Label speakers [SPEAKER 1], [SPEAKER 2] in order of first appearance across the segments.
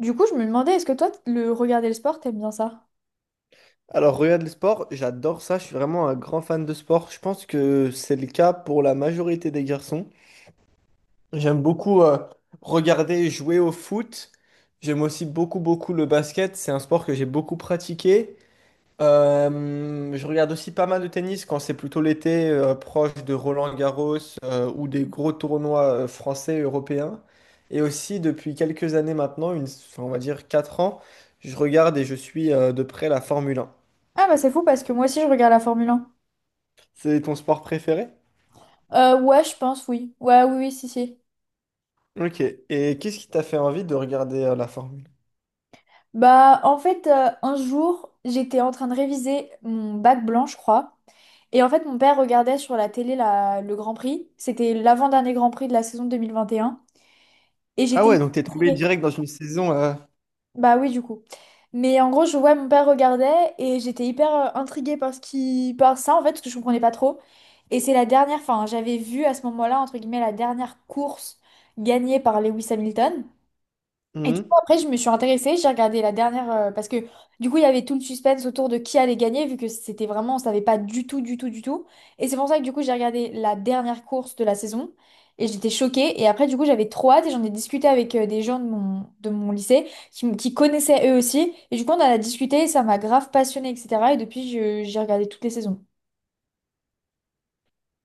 [SPEAKER 1] Du coup, je me demandais, est-ce que toi, le regarder le sport, t'aimes bien ça?
[SPEAKER 2] Alors, regarde le sport, j'adore ça, je suis vraiment un grand fan de sport. Je pense que c'est le cas pour la majorité des garçons. J'aime beaucoup regarder et jouer au foot. J'aime aussi beaucoup, beaucoup le basket. C'est un sport que j'ai beaucoup pratiqué. Je regarde aussi pas mal de tennis quand c'est plutôt l'été, proche de Roland-Garros ou des gros tournois français, européens. Et aussi, depuis quelques années maintenant, enfin, on va dire 4 ans, je regarde et je suis de près la Formule 1.
[SPEAKER 1] Ah bah c'est fou parce que moi aussi, je regarde la Formule 1.
[SPEAKER 2] C'est ton sport préféré?
[SPEAKER 1] Ouais, je pense, oui. Ouais, oui, oui, si, si.
[SPEAKER 2] Ok. Et qu'est-ce qui t'a fait envie de regarder la Formule?
[SPEAKER 1] Bah, en fait, un jour, j'étais en train de réviser mon bac blanc, je crois. Et en fait, mon père regardait sur la télé le Grand Prix. C'était l'avant-dernier Grand Prix de la saison 2021. Et un. Et
[SPEAKER 2] Ah
[SPEAKER 1] j'étais.
[SPEAKER 2] ouais, donc t'es tombé direct dans une saison.
[SPEAKER 1] Bah oui, du coup. Mais en gros, je vois mon père regardait et j'étais hyper intriguée par par ça, en fait, parce que je comprenais pas trop. Et c'est la dernière, enfin, j'avais vu à ce moment-là, entre guillemets, la dernière course gagnée par Lewis Hamilton. Et du
[SPEAKER 2] Mhm.
[SPEAKER 1] coup, après, je me suis intéressée, j'ai regardé la dernière, parce que du coup, il y avait tout le suspense autour de qui allait gagner, vu que c'était vraiment, on savait pas du tout, du tout, du tout. Et c'est pour ça que du coup, j'ai regardé la dernière course de la saison, et j'étais choquée. Et après, du coup, j'avais trop hâte, et j'en ai discuté avec des gens de mon lycée, qui connaissaient eux aussi. Et du coup, on en a discuté, et ça m'a grave passionnée, etc. Et depuis, j'ai regardé toutes les saisons.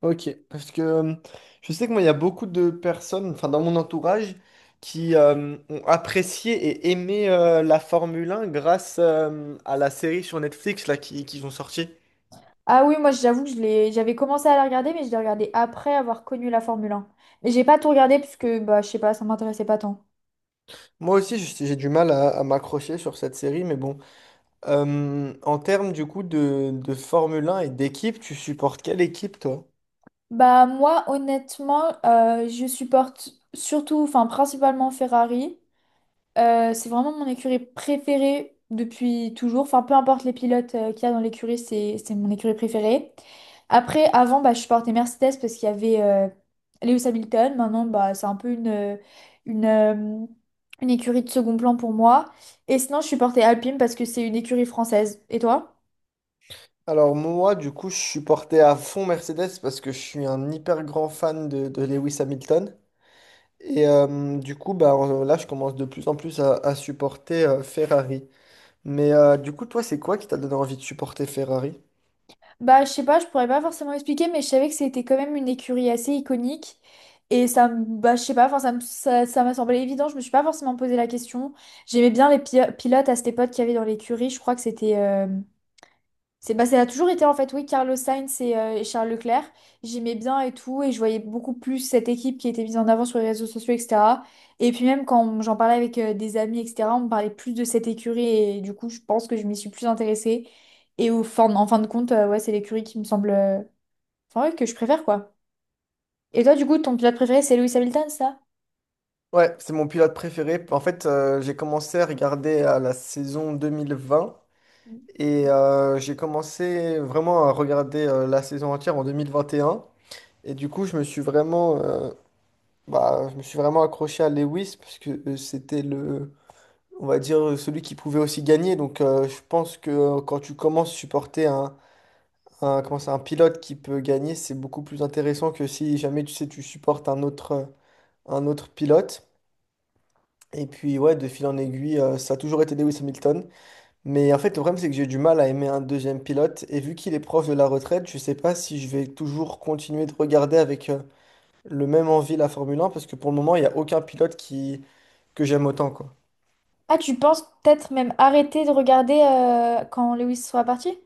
[SPEAKER 2] Ok. Parce que je sais que moi, il y a beaucoup de personnes, enfin dans mon entourage, qui ont apprécié et aimé la Formule 1 grâce à la série sur Netflix là qu'ils ont sorti.
[SPEAKER 1] Ah oui, moi, j'avoue que j'avais commencé à la regarder, mais je l'ai regardée après avoir connu la Formule 1. Mais j'ai pas tout regardé, parce que, bah, je sais pas, ça m'intéressait pas tant.
[SPEAKER 2] Moi aussi, j'ai du mal à m'accrocher sur cette série, mais bon. En termes du coup de Formule 1 et d'équipe, tu supportes quelle équipe, toi?
[SPEAKER 1] Bah moi honnêtement je supporte surtout enfin principalement Ferrari. C'est vraiment mon écurie préférée depuis toujours. Enfin peu importe les pilotes qu'il y a dans l'écurie, c'est mon écurie préférée. Après avant bah je supportais Mercedes parce qu'il y avait Lewis Hamilton. Maintenant bah c'est un peu une euh, une écurie de second plan pour moi. Et sinon je supportais Alpine parce que c'est une écurie française. Et toi?
[SPEAKER 2] Alors moi, du coup, je suis porté à fond Mercedes parce que je suis un hyper grand fan de Lewis Hamilton. Et du coup, bah, là, je commence de plus en plus à supporter Ferrari. Mais du coup, toi, c'est quoi qui t'a donné envie de supporter Ferrari?
[SPEAKER 1] Bah, je sais pas, je pourrais pas forcément expliquer, mais je savais que c'était quand même une écurie assez iconique. Et ça, bah, je sais pas, enfin, ça m'a semblé évident, je me suis pas forcément posé la question. J'aimais bien les pilotes à cette époque qu'il y avait dans l'écurie, je crois que bah, ça a toujours été en fait, oui, Carlos Sainz et Charles Leclerc. J'aimais bien et tout, et je voyais beaucoup plus cette équipe qui était mise en avant sur les réseaux sociaux, etc. Et puis même quand j'en parlais avec des amis, etc., on me parlait plus de cette écurie, et du coup, je pense que je m'y suis plus intéressée. Et en fin de compte, ouais, c'est l'écurie qui me semble, enfin, ouais, que je préfère, quoi. Et toi, du coup, ton pilote préféré, c'est Lewis Hamilton, ça?
[SPEAKER 2] Ouais, c'est mon pilote préféré. En fait, j'ai commencé à regarder à la saison 2020 et j'ai commencé vraiment à regarder la saison entière en 2021. Et un. Et du coup, je me suis vraiment bah, je me suis vraiment accroché à Lewis parce que c'était le, on va dire, celui qui pouvait aussi gagner. Donc, je pense que quand tu commences à supporter comment ça, un pilote qui peut gagner, c'est beaucoup plus intéressant que si jamais tu sais, tu supportes un autre pilote. Et puis, ouais, de fil en aiguille, ça a toujours été Lewis Hamilton. Mais en fait, le problème, c'est que j'ai du mal à aimer un deuxième pilote. Et vu qu'il est proche de la retraite, je sais pas si je vais toujours continuer de regarder avec le même envie la Formule 1 parce que pour le moment, il n'y a aucun pilote qui que j'aime autant, quoi.
[SPEAKER 1] Ah, tu penses peut-être même arrêter de regarder quand Lewis sera parti?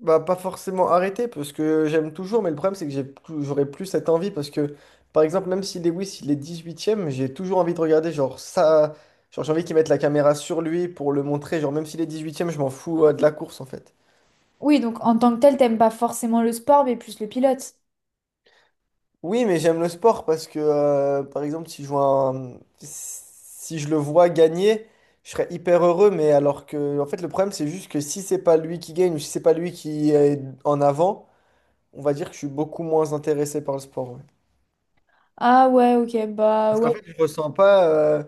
[SPEAKER 2] Bah, pas forcément arrêter, parce que j'aime toujours, mais le problème, c'est que j'aurais plus cette envie, parce que, par exemple, même si Lewis, il est 10e j'ai toujours envie de regarder, genre, ça. Genre, j'ai envie qu'ils mettent la caméra sur lui pour le montrer, genre, même s'il est 10e je m'en fous, de la course, en fait.
[SPEAKER 1] Oui, donc en tant que tel, t'aimes pas forcément le sport, mais plus le pilote.
[SPEAKER 2] Oui, mais j'aime le sport, parce que, par exemple, si je vois si je le vois gagner, je serais hyper heureux, mais alors que, en fait, le problème, c'est juste que si c'est pas lui qui gagne, ou si c'est pas lui qui est en avant, on va dire que je suis beaucoup moins intéressé par le sport. Ouais.
[SPEAKER 1] Ah ouais, ok, bah
[SPEAKER 2] Parce
[SPEAKER 1] ouais,
[SPEAKER 2] qu'en fait, je ressens pas,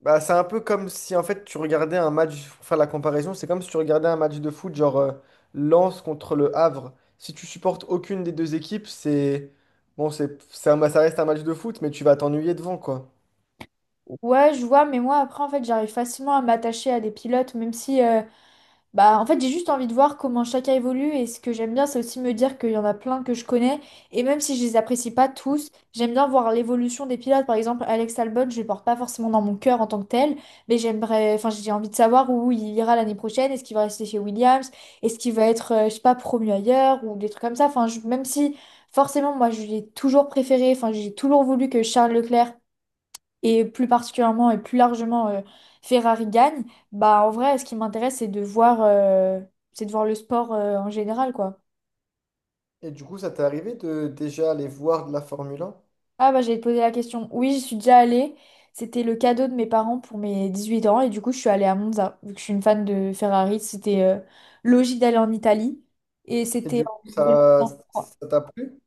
[SPEAKER 2] bah, c'est un peu comme si en fait tu regardais un match, pour faire la comparaison, c'est comme si tu regardais un match de foot, genre Lens contre le Havre. Si tu supportes aucune des deux équipes. C'est. Bon, ça reste un match de foot, mais tu vas t'ennuyer devant, quoi.
[SPEAKER 1] ouais, je vois, mais moi après, en fait, j'arrive facilement à m'attacher à des pilotes, même si bah, en fait, j'ai juste envie de voir comment chacun évolue et ce que j'aime bien, c'est aussi me dire qu'il y en a plein que je connais et même si je les apprécie pas tous, j'aime bien voir l'évolution des pilotes. Par exemple, Alex Albon, je le porte pas forcément dans mon cœur en tant que tel, mais enfin, j'ai envie de savoir où il ira l'année prochaine, est-ce qu'il va rester chez Williams, est-ce qu'il va être, je sais pas, promu ailleurs ou des trucs comme ça. Enfin, même si forcément, moi, je l'ai toujours préféré, enfin, j'ai toujours voulu que Charles Leclerc et plus particulièrement et plus largement Ferrari gagne, bah en vrai, ce qui m'intéresse, c'est de voir le sport en général, quoi.
[SPEAKER 2] Et du coup, ça t'est arrivé de déjà aller voir de la Formule 1?
[SPEAKER 1] Ah bah j'allais te poser la question. Oui, j'y suis déjà allée. C'était le cadeau de mes parents pour mes 18 ans et du coup je suis allée à Monza. Vu que je suis une fan de Ferrari, c'était logique d'aller en Italie et
[SPEAKER 2] Et
[SPEAKER 1] c'était
[SPEAKER 2] du
[SPEAKER 1] en
[SPEAKER 2] coup, ça,
[SPEAKER 1] 2023.
[SPEAKER 2] ça t'a plu?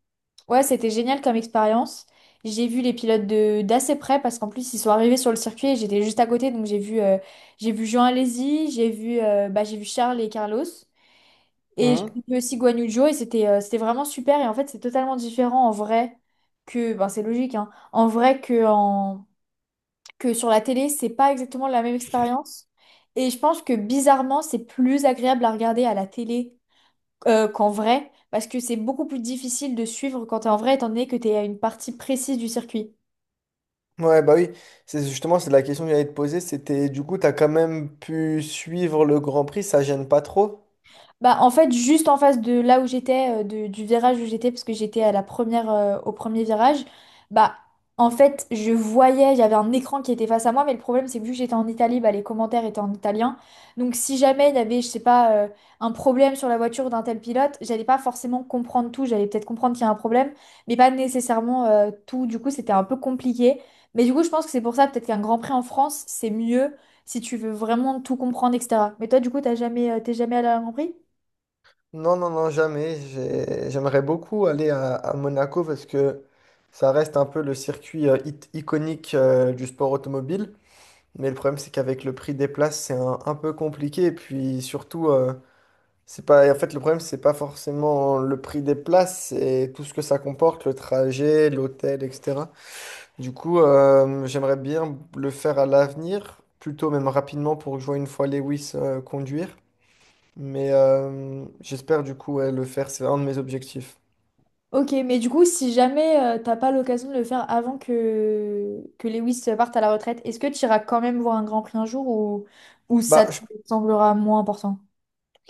[SPEAKER 1] Ouais, c'était génial comme expérience. J'ai vu les pilotes de d'assez près parce qu'en plus ils sont arrivés sur le circuit et j'étais juste à côté donc j'ai vu Jean Alesi, j'ai vu bah, j'ai vu Charles et Carlos et j'ai
[SPEAKER 2] Mhm.
[SPEAKER 1] vu aussi Guan Yu Zhou et c'était vraiment super et en fait c'est totalement différent en vrai que ben c'est logique hein, en vrai que en que sur la télé c'est pas exactement la même expérience et je pense que bizarrement c'est plus agréable à regarder à la télé qu'en vrai, parce que c'est beaucoup plus difficile de suivre quand t'es en vrai, étant donné que t'es à une partie précise du circuit.
[SPEAKER 2] Ouais, bah oui, c'est justement c'est la question que j'allais te poser, c'était du coup, t'as quand même pu suivre le Grand Prix, ça gêne pas trop?
[SPEAKER 1] Bah, en fait, juste en face de là où j'étais, du virage où j'étais, parce que j'étais à au premier virage, bah, en fait, je voyais, j'avais un écran qui était face à moi, mais le problème, c'est que vu que j'étais en Italie, bah, les commentaires étaient en italien. Donc, si jamais il y avait, je sais pas, un problème sur la voiture d'un tel pilote, j'allais pas forcément comprendre tout. J'allais peut-être comprendre qu'il y a un problème, mais pas nécessairement, tout. Du coup, c'était un peu compliqué. Mais du coup, je pense que c'est pour ça, peut-être qu'un Grand Prix en France, c'est mieux si tu veux vraiment tout comprendre, etc. Mais toi, du coup, t'es jamais allé à un Grand Prix?
[SPEAKER 2] Non, non, non, jamais. J'aimerais beaucoup aller à Monaco parce que ça reste un peu le circuit iconique du sport automobile. Mais le problème, c'est qu'avec le prix des places, c'est un peu compliqué. Et puis surtout, c'est pas, en fait, le problème, c'est pas forcément le prix des places, c'est tout ce que ça comporte, le trajet, l'hôtel, etc. Du coup, j'aimerais bien le faire à l'avenir, plutôt même rapidement pour que je voie une fois Lewis conduire. Mais j'espère du coup ouais, le faire, c'est un de mes objectifs.
[SPEAKER 1] Ok, mais du coup, si jamais t'as pas l'occasion de le faire avant que Lewis parte à la retraite, est-ce que tu iras quand même voir un Grand Prix un jour ou ça
[SPEAKER 2] Bah,
[SPEAKER 1] te
[SPEAKER 2] je,
[SPEAKER 1] semblera moins important?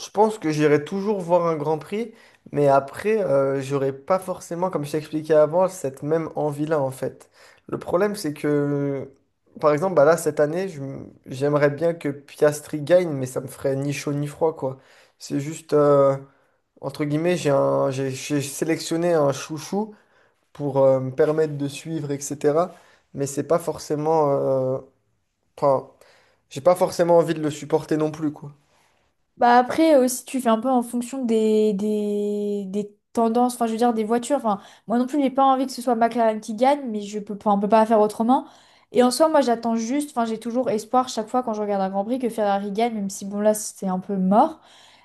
[SPEAKER 2] je pense que j'irai toujours voir un Grand Prix, mais après, j'aurai pas forcément, comme je t'ai expliqué avant, cette même envie-là en fait. Le problème, c'est que, par exemple, bah là, cette année, j'aimerais bien que Piastri gagne, mais ça me ferait ni chaud ni froid, quoi. C'est juste, entre guillemets, j'ai sélectionné un chouchou pour me permettre de suivre, etc. Mais c'est pas forcément. Enfin, j'ai pas forcément envie de le supporter non plus, quoi.
[SPEAKER 1] Bah après aussi tu fais un peu en fonction des tendances, enfin je veux dire des voitures. Enfin, moi non plus j'ai pas envie que ce soit McLaren qui gagne, mais je peux pas, on peut pas faire autrement. Et en soi moi j'attends juste, enfin j'ai toujours espoir chaque fois quand je regarde un Grand Prix que Ferrari gagne, même si bon là c'est un peu mort.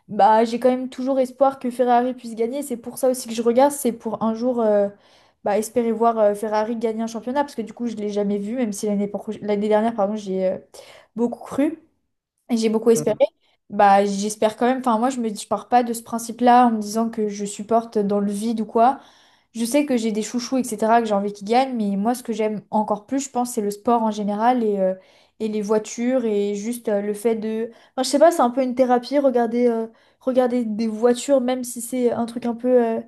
[SPEAKER 1] Bah j'ai quand même toujours espoir que Ferrari puisse gagner. C'est pour ça aussi que je regarde, c'est pour un jour bah, espérer voir Ferrari gagner un championnat, parce que du coup je l'ai jamais vu, même si l'année dernière pardon j'ai beaucoup cru et j'ai beaucoup espéré.
[SPEAKER 2] Mm.
[SPEAKER 1] Bah, j'espère quand même. Enfin, moi, je pars pas de ce principe-là en me disant que je supporte dans le vide ou quoi. Je sais que j'ai des chouchous, etc., que j'ai envie qu'ils gagnent, mais moi, ce que j'aime encore plus, je pense, c'est le sport en général et les voitures et juste le fait de. Enfin, je sais pas, c'est un peu une thérapie, regarder, regarder des voitures, même si c'est un truc un peu euh,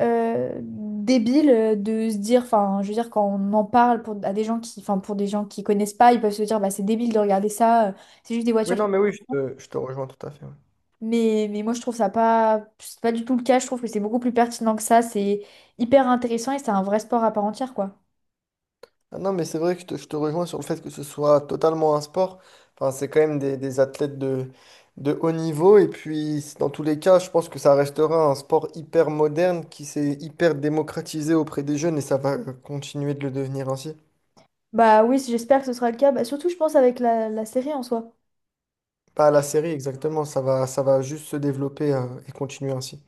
[SPEAKER 1] euh, débile de se dire, enfin, je veux dire, quand on en parle pour, à des gens qui, enfin, pour des gens qui connaissent pas, ils peuvent se dire, bah, c'est débile de regarder ça, c'est juste des voitures.
[SPEAKER 2] Oui, non, mais oui, je te rejoins tout à fait. Ouais.
[SPEAKER 1] Mais moi, je trouve ça pas, c'est pas du tout le cas. Je trouve que c'est beaucoup plus pertinent que ça. C'est hyper intéressant et c'est un vrai sport à part entière, quoi.
[SPEAKER 2] Ah non, mais c'est vrai que je te rejoins sur le fait que ce soit totalement un sport. Enfin, c'est quand même des athlètes de haut niveau. Et puis, dans tous les cas, je pense que ça restera un sport hyper moderne qui s'est hyper démocratisé auprès des jeunes et ça va continuer de le devenir ainsi.
[SPEAKER 1] Bah oui, j'espère que ce sera le cas. Bah, surtout, je pense, avec la série en soi.
[SPEAKER 2] Pas à la série, exactement. Ça va juste se développer, et continuer ainsi.